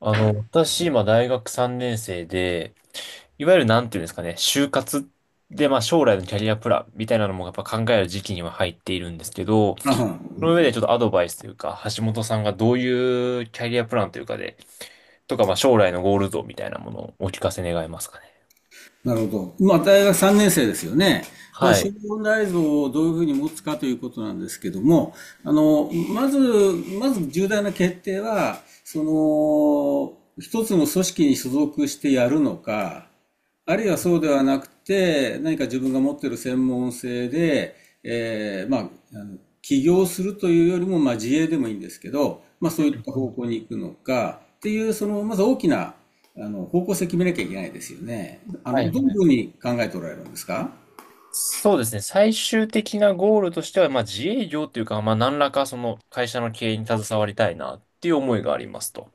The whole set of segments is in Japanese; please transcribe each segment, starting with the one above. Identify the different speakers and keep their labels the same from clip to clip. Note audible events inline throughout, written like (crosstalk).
Speaker 1: 私、今、大学3年生で、いわゆるなんていうんですかね、就活で、まあ、将来のキャリアプランみたいなのもやっぱ考える時期には入っているんですけど、
Speaker 2: あは
Speaker 1: その上でちょっとアドバイスというか、橋本さんがどういうキャリアプランというかで、とか、まあ、将来のゴール像みたいなものをお聞かせ願えますかね。
Speaker 2: なるほど。まあ、大学3年生ですよね。まあ、
Speaker 1: は
Speaker 2: 小
Speaker 1: い。
Speaker 2: 問題像をどういうふうに持つかということなんですけども、まず、重大な決定は、一つの組織に所属してやるのか、あるいはそうではなくて、何か自分が持っている専門性で、まあ、あの起業するというよりも、まあ、自営でもいいんですけど、まあ、
Speaker 1: う
Speaker 2: そう
Speaker 1: ん
Speaker 2: いった
Speaker 1: う
Speaker 2: 方
Speaker 1: ん。
Speaker 2: 向に行くのかっていう、そのまず大きな、あの方向性決めなきゃいけないですよね。あ
Speaker 1: はい
Speaker 2: のどういう
Speaker 1: はい。
Speaker 2: ふうに考えておられるんですか。
Speaker 1: そうですね。最終的なゴールとしては、まあ、自営業というか、まあ、何らかその会社の経営に携わりたいなっていう思いがありますと。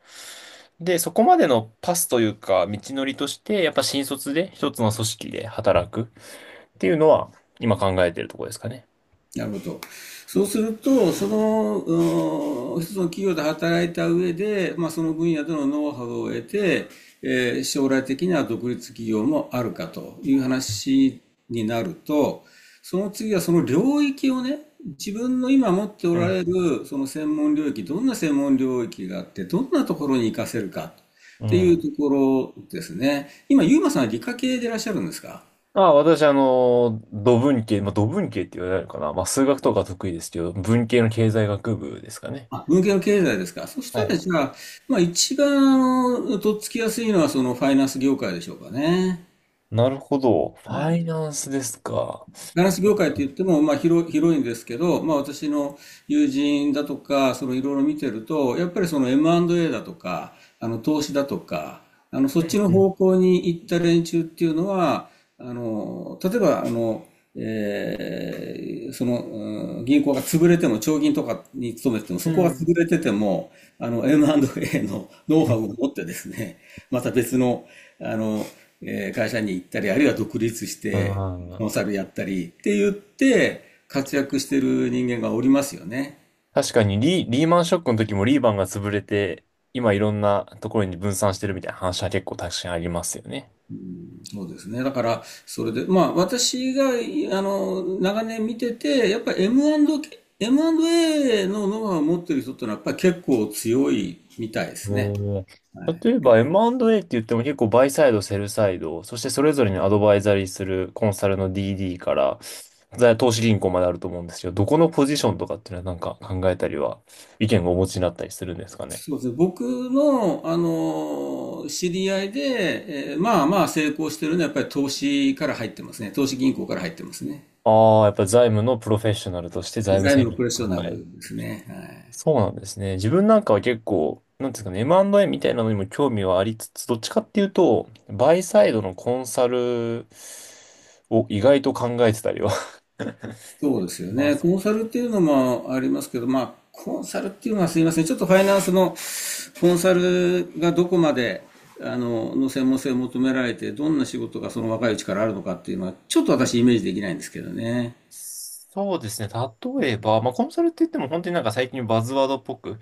Speaker 1: で、そこまでのパスというか、道のりとして、やっぱ新卒で一つの組織で働くっていうのは、今考えてるところですかね。
Speaker 2: なるほど。そうすると、その、うん一つの企業で働いた上で、まあ、その分野でのノウハウを得て、えー将来的には独立企業もあるかという話になると、その次はその領域をね、自分の今持ってお
Speaker 1: う
Speaker 2: ら
Speaker 1: ん。
Speaker 2: れるその専門領域、どんな専門領域があって、どんなところに活かせるか
Speaker 1: う
Speaker 2: っていう
Speaker 1: ん。
Speaker 2: ところですね。今、ユーマさんは理科系でいらっしゃるんですか。
Speaker 1: ああ、私、土文系、まあ、土文系って言われるかな。まあ、数学とか得意ですけど、文系の経済学部ですかね。
Speaker 2: あ、文系の経済ですか。そし
Speaker 1: は
Speaker 2: たら
Speaker 1: い。
Speaker 2: じゃあ、まあ一番あのとっつきやすいのはそのファイナンス業界でしょうかね。
Speaker 1: なるほど。フ
Speaker 2: は
Speaker 1: ァ
Speaker 2: い。
Speaker 1: イナンスですか。
Speaker 2: ファイナンス業界って言っても、広いんですけど、まあ私の友人だとか、そのいろいろ見てると、やっぱりその M&A だとか、あの投資だとか、あのそっちの
Speaker 1: うん
Speaker 2: 方向に行った連中っていうのは、例えばあの、えーその、銀行が潰れても、長銀とかに勤めてても、
Speaker 1: う
Speaker 2: そ
Speaker 1: ん。う
Speaker 2: こが
Speaker 1: んう
Speaker 2: 潰れてても、あの、M&A のノウハウを持ってですね、また別の、あの、会社に行ったり、あるいは独立して、コン
Speaker 1: ん。
Speaker 2: サルやったりって言って、活躍してる人間がおりますよね。
Speaker 1: 確かにリー、リーマンショックの時もリーマンが潰れて、今いろんなところに分散してるみたいな話は結構確かにありますよね。
Speaker 2: そうですね。だから、それで、まあ、私が、あの、長年見てて、やっぱり M&A のノウハウを持ってる人ってのは、やっぱり結構強いみたいですね。
Speaker 1: おー。
Speaker 2: は
Speaker 1: 例え
Speaker 2: い。
Speaker 1: ば M&A って言っても結構バイサイド、セルサイド、そしてそれぞれにアドバイザリーするコンサルの DD から投資銀行まであると思うんですけど、どこのポジションとかっていうのはなんか考えたりは意見をお持ちになったりするんですかね。
Speaker 2: そうですね。僕の、あの、知り合いで、えーまあまあ成功してるのは、やっぱり投資から入ってますね。投資銀行から入ってますね。
Speaker 1: ああ、やっぱ財務のプロフェッショナルとして財務
Speaker 2: 財
Speaker 1: 戦
Speaker 2: 務の
Speaker 1: 略
Speaker 2: プ
Speaker 1: を
Speaker 2: ロフェッショ
Speaker 1: 考
Speaker 2: ナ
Speaker 1: える。
Speaker 2: ルですね。はい。
Speaker 1: そうなんですね。自分なんかは結構、なんていうんですかね、M&A みたいなのにも興味はありつつ、どっちかっていうと、バイサイドのコンサルを意外と考えてたりは (laughs) し
Speaker 2: そうですよ
Speaker 1: ま
Speaker 2: ね。
Speaker 1: す。
Speaker 2: コンサルっていうのもありますけど、まあ、コンサルっていうのはすいません。ちょっとファイナンスのコンサルがどこまで、あの専門性を求められて、どんな仕事がその若いうちからあるのかっていうのは、ちょっと私イメージできないんですけどね。
Speaker 1: そうですね。例えば、まあ、コンサルって言っても本当になんか最近バズワードっぽく、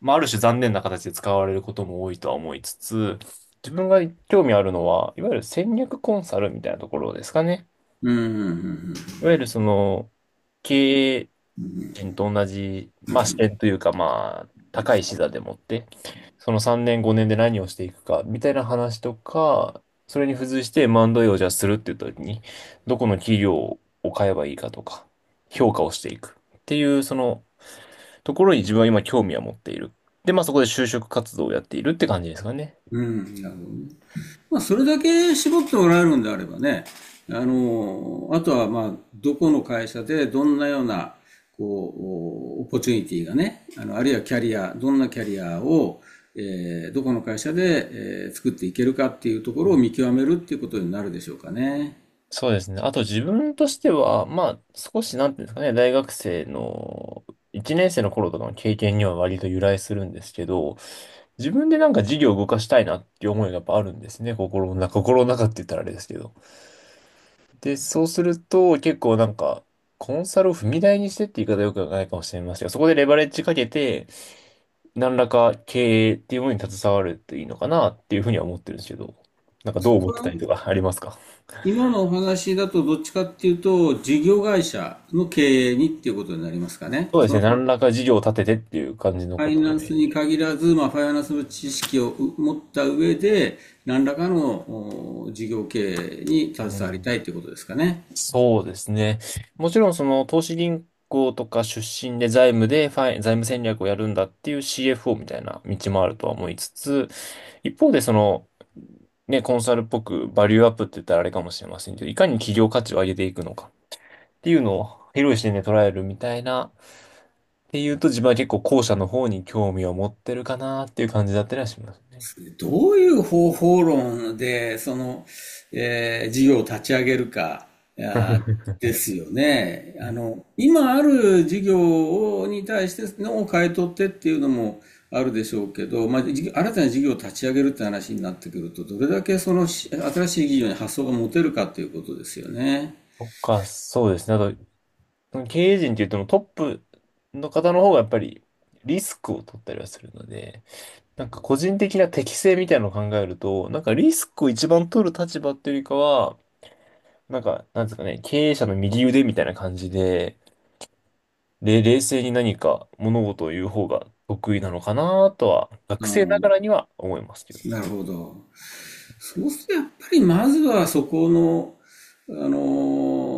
Speaker 1: まあ、ある種残念な形で使われることも多いとは思いつつ、自分が興味あるのは、いわゆる戦略コンサルみたいなところですかね。
Speaker 2: うん、うん、
Speaker 1: いわゆるその、経営人と同じ、まあ、視点というか、まあ、高い視座でもって、その3年、5年で何をしていくか、みたいな話とか、それに付随して M&A をじゃあするっていう時に、どこの企業を買えばいいかとか、評価をしていくっていう、そのところに自分は今興味は持っている。で、まあそこで就職活動をやっているって感じですかね。
Speaker 2: うん。なるほどね。まあ、それだけ絞っておられるんであればね、あの、あとは、まあ、どこの会社でどんなような、こう、オポチュニティがね、あの、あるいはキャリア、どんなキャリアを、えーどこの会社で、えー作っていけるかっていうところを見極めるっていうことになるでしょうかね。
Speaker 1: そうですね。あと自分としては、まあ少しなんていうんですかね、大学生の1年生の頃とかの経験には割と由来するんですけど、自分でなんか事業を動かしたいなっていう思いがやっぱあるんですね。心の中、心の中って言ったらあれですけど。で、そうすると結構なんか、コンサルを踏み台にしてって言い方よくないかもしれませんが、そこでレバレッジかけて、何らか経営っていうものに携わるといいのかなっていうふうには思ってるんですけど、なんかどう思ってたりとかありますか？
Speaker 2: 今のお話だとどっちかっていうと、事業会社の経営にっていうことになりますかね。
Speaker 1: そうで
Speaker 2: そ
Speaker 1: すね。
Speaker 2: の
Speaker 1: 何らか事業を立ててっていう感じの
Speaker 2: ファ
Speaker 1: こ
Speaker 2: イ
Speaker 1: とを
Speaker 2: ナ
Speaker 1: イ
Speaker 2: ン
Speaker 1: メ
Speaker 2: ス
Speaker 1: ージ。
Speaker 2: に限らず、まあ、ファイナンスの知識を持った上で、何らかの事業経営に携
Speaker 1: う
Speaker 2: わり
Speaker 1: ん。
Speaker 2: たいということですかね。
Speaker 1: そうですね。もちろんその投資銀行とか出身で財務でファイ、財務戦略をやるんだっていう CFO みたいな道もあるとは思いつつ、一方でその、ね、コンサルっぽくバリューアップって言ったらあれかもしれませんけど、いかに企業価値を上げていくのかっていうのを広い視点で捉えるみたいな、っていうと自分は結構後者の方に興味を持ってるかなっていう感じだったりはしますね。
Speaker 2: どういう方法論で、その、えー事業を立ち上げるか、
Speaker 1: (laughs)
Speaker 2: ですよね。あの、今ある事業に対してのを変え取ってっていうのもあるでしょうけど、まあ、新たな事業を立ち上げるって話になってくると、どれだけその新しい事業に発想が持てるかということですよね。
Speaker 1: とか、そうですね。あと経営陣って言ってもトップの方の方がやっぱりリスクを取ったりはするので、なんか個人的な適性みたいなのを考えると、なんかリスクを一番取る立場っていうよりかは、なんか、なんですかね、経営者の右腕みたいな感じで、冷静に何か物事を言う方が得意なのかなとは、学
Speaker 2: あ
Speaker 1: 生ながら
Speaker 2: あ、
Speaker 1: には思いますけどね。
Speaker 2: なるほど。そうするとやっぱりまずはそこのあの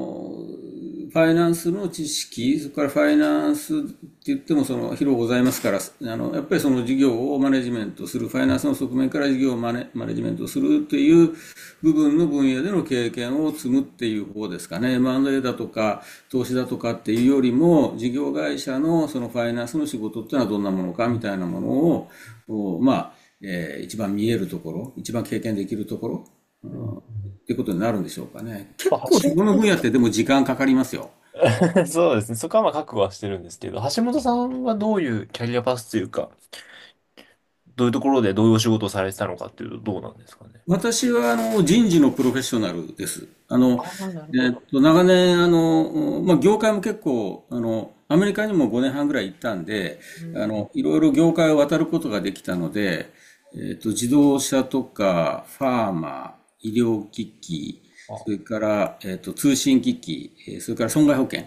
Speaker 2: ファイナンスの知識、それからファイナンスって言ってもその広ございますから、あの、やっぱりその事業をマネジメントする、ファイナンスの側面から事業をマネジメントするという部分の分野での経験を積むっていう方ですかね。M&A だとか、投資だとかっていうよりも、事業会社のそのファイナンスの仕事っていうのはどんなものかみたいなものを、まあ、えー一番見えるところ、一番経験できるところ
Speaker 1: うんうん。
Speaker 2: っていうことになるんでしょうかね。
Speaker 1: ま
Speaker 2: 結
Speaker 1: あ
Speaker 2: 構そ
Speaker 1: 橋
Speaker 2: この分野ってでも時間かかりますよ。
Speaker 1: 本 (laughs) そうですね。そこはまあ覚悟はしてるんですけど、橋本さんはどういうキャリアパスというか、どういうところでどういうお仕事をされてたのかっていうとどうなんですかね。
Speaker 2: 私はあの人事のプロフェッショナルです。あの、
Speaker 1: ああ、なるほ
Speaker 2: えっ
Speaker 1: ど。
Speaker 2: と、長年、あの、まあ、業界も結構、あの、アメリカにも5年半ぐらい行ったんで、
Speaker 1: う
Speaker 2: あ
Speaker 1: ん。
Speaker 2: の、いろいろ業界を渡ることができたので、えっと、自動車とか、ファーマー、医療機器、
Speaker 1: あ、
Speaker 2: それから、えっと、通信機器、それから損害保険。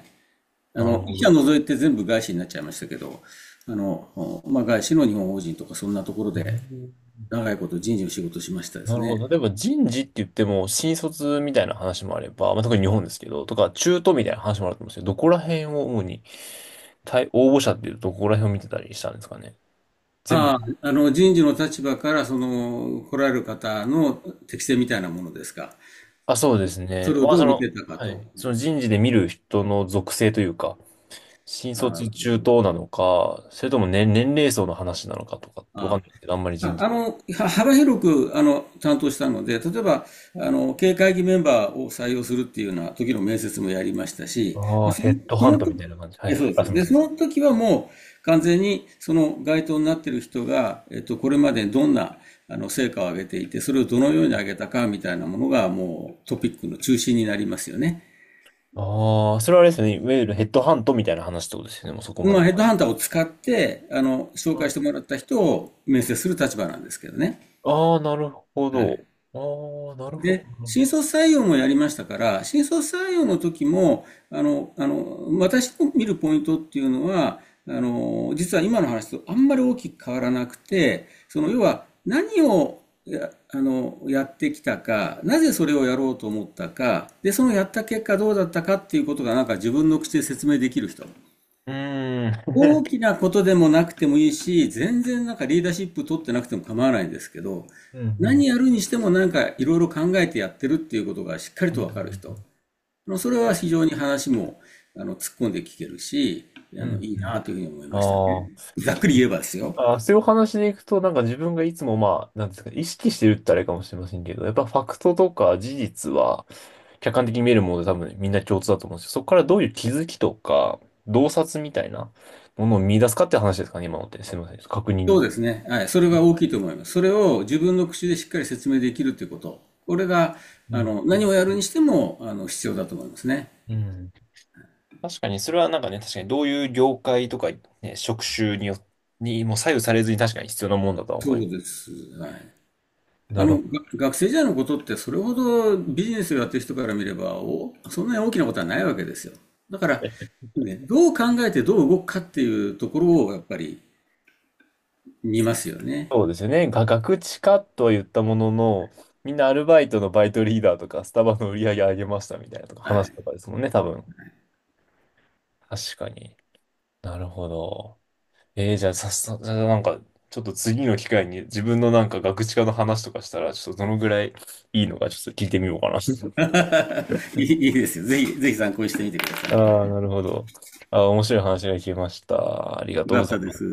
Speaker 2: あ
Speaker 1: なる
Speaker 2: の、
Speaker 1: ほ
Speaker 2: 一社
Speaker 1: ど。
Speaker 2: 除いて全部外資になっちゃいましたけど、あの、まあ、外資の日本法人とかそんなところ
Speaker 1: う
Speaker 2: で
Speaker 1: ん。
Speaker 2: 長いこと人事の仕事をしましたで
Speaker 1: な
Speaker 2: す
Speaker 1: る
Speaker 2: ね。
Speaker 1: ほど。例えば人事って言っても、新卒みたいな話もあれば、まあ、特に日本ですけど、とか中途みたいな話もあると思うんですけど、どこら辺を主に、対応募者っていうとどこら辺を見てたりしたんですかね。全部。
Speaker 2: ああ、あの、人事の立場からその来られる方の適性みたいなものですか。
Speaker 1: あ、そうです
Speaker 2: そ
Speaker 1: ね。
Speaker 2: れを
Speaker 1: まあ、
Speaker 2: ど
Speaker 1: そ
Speaker 2: う見
Speaker 1: の、
Speaker 2: てたか
Speaker 1: は
Speaker 2: と。
Speaker 1: い。その人事で見る人の属性というか、新
Speaker 2: ああ、な
Speaker 1: 卒
Speaker 2: るほ
Speaker 1: 中
Speaker 2: ど。
Speaker 1: 等なのか、それとも年齢層の話なのかとかってわかん
Speaker 2: あ、
Speaker 1: ないけど、あんまり
Speaker 2: ま
Speaker 1: 人、
Speaker 2: あ、あの、は幅広く、あの、担当したので、例えば、あの、経営会議メンバーを採用するっていうような時の面接もやりましたし、
Speaker 1: あ
Speaker 2: で
Speaker 1: あ、
Speaker 2: そ
Speaker 1: ヘッド
Speaker 2: そ
Speaker 1: ハン
Speaker 2: の
Speaker 1: ト
Speaker 2: 時、
Speaker 1: みたいな感じ。はい
Speaker 2: え、そ
Speaker 1: は
Speaker 2: う
Speaker 1: い。
Speaker 2: で
Speaker 1: あ、す
Speaker 2: す。
Speaker 1: みま
Speaker 2: で、
Speaker 1: せ
Speaker 2: そ
Speaker 1: ん。
Speaker 2: の時はもう完全にその該当になっている人が、えっと、これまでどんな、あの、成果を上げていて、それをどのように上げたかみたいなものがもうトピックの中心になりますよね。
Speaker 1: ああ、それはあれですよね。いわゆるヘッドハントみたいな話ってことですよね。もうそこま
Speaker 2: まあ、
Speaker 1: で。
Speaker 2: ヘッドハンターを使って、あの、紹介して
Speaker 1: あ
Speaker 2: もらった人を面接する立場なんですけどね。
Speaker 1: あー、なるほ
Speaker 2: は
Speaker 1: ど。
Speaker 2: い。
Speaker 1: ああ、なるほど。
Speaker 2: で、新卒採用もやりましたから、新卒採用の時も、あの、私の見るポイントっていうのは、あの、実は今の話とあんまり大きく変わらなくて、その、要は何をあの、やってきたか、なぜそれをやろうと思ったか、で、そのやった結果どうだったかっていうことが、なんか自分の口で説明できる人。
Speaker 1: うーん。
Speaker 2: 大き
Speaker 1: (laughs)
Speaker 2: なことでもなくてもいいし、全然なんかリーダーシップ取ってなくても構わないんですけど、
Speaker 1: うん、うん。
Speaker 2: 何やるにしてもなんかいろいろ考えてやってるっていうことがしっかり
Speaker 1: うん、う
Speaker 2: と
Speaker 1: ん。
Speaker 2: わかる人。のそれは非常に話もあの突っ込んで聞けるし、
Speaker 1: う
Speaker 2: あの
Speaker 1: ん
Speaker 2: いい
Speaker 1: う
Speaker 2: な
Speaker 1: ん。
Speaker 2: というふうに思いましたね。
Speaker 1: ああ。
Speaker 2: ざっくり言えばですよ。
Speaker 1: あ、そういうお話でいくと、なんか自分がいつもまあ、なんですか、意識してるってあれかもしれませんけど、やっぱファクトとか事実は客観的に見えるもので多分みんな共通だと思うんですよ。そこからどういう気づきとか、洞察みたいなものを見出すかって話ですかね、今のって。すみません。確
Speaker 2: そ
Speaker 1: 認。
Speaker 2: うですね。はい。それが大きいと思います。それを自分の口でしっかり説明できるということ。これが、
Speaker 1: う
Speaker 2: あ
Speaker 1: ん。
Speaker 2: の、何をやるにしても、あの、必要だと思いますね。
Speaker 1: うん。確かに、それはなんかね、確かにどういう業界とか、ね、職種によ、にも左右されずに確かに必要なもんだとは
Speaker 2: そ
Speaker 1: 思いま
Speaker 2: うで
Speaker 1: す。
Speaker 2: す。はい。あ
Speaker 1: なる
Speaker 2: の、
Speaker 1: ほ
Speaker 2: が
Speaker 1: ど。
Speaker 2: 学生時代のことってそれほどビジネスをやってる人から見ればお、そんなに大きなことはないわけですよ。だから、ね、どう考えてどう動くかっていうところをやっぱり見ますよね。
Speaker 1: そうですよね。ガクチカとは言ったものの、みんなアルバイトのバイトリーダーとか、スタバの売り上げ上げましたみたいなとか、
Speaker 2: は
Speaker 1: 話
Speaker 2: い。
Speaker 1: とかですもんね、多分。確かに。なるほど。じゃあ、さっさ、じゃあなんか、ちょっと次の機会に自分のなんかガクチカの話とかしたら、ちょっとどのぐらいいいのかちょっと聞いてみようかな。(laughs)
Speaker 2: (laughs) いいですよ。ぜひ、ぜひ参考にしてみてく
Speaker 1: あ
Speaker 2: ださい。
Speaker 1: あ、なるほど。ああ、面白い話が聞けました。ありが
Speaker 2: よ
Speaker 1: とう
Speaker 2: か
Speaker 1: ご
Speaker 2: っ
Speaker 1: ざい
Speaker 2: た
Speaker 1: ま
Speaker 2: で
Speaker 1: す。
Speaker 2: す。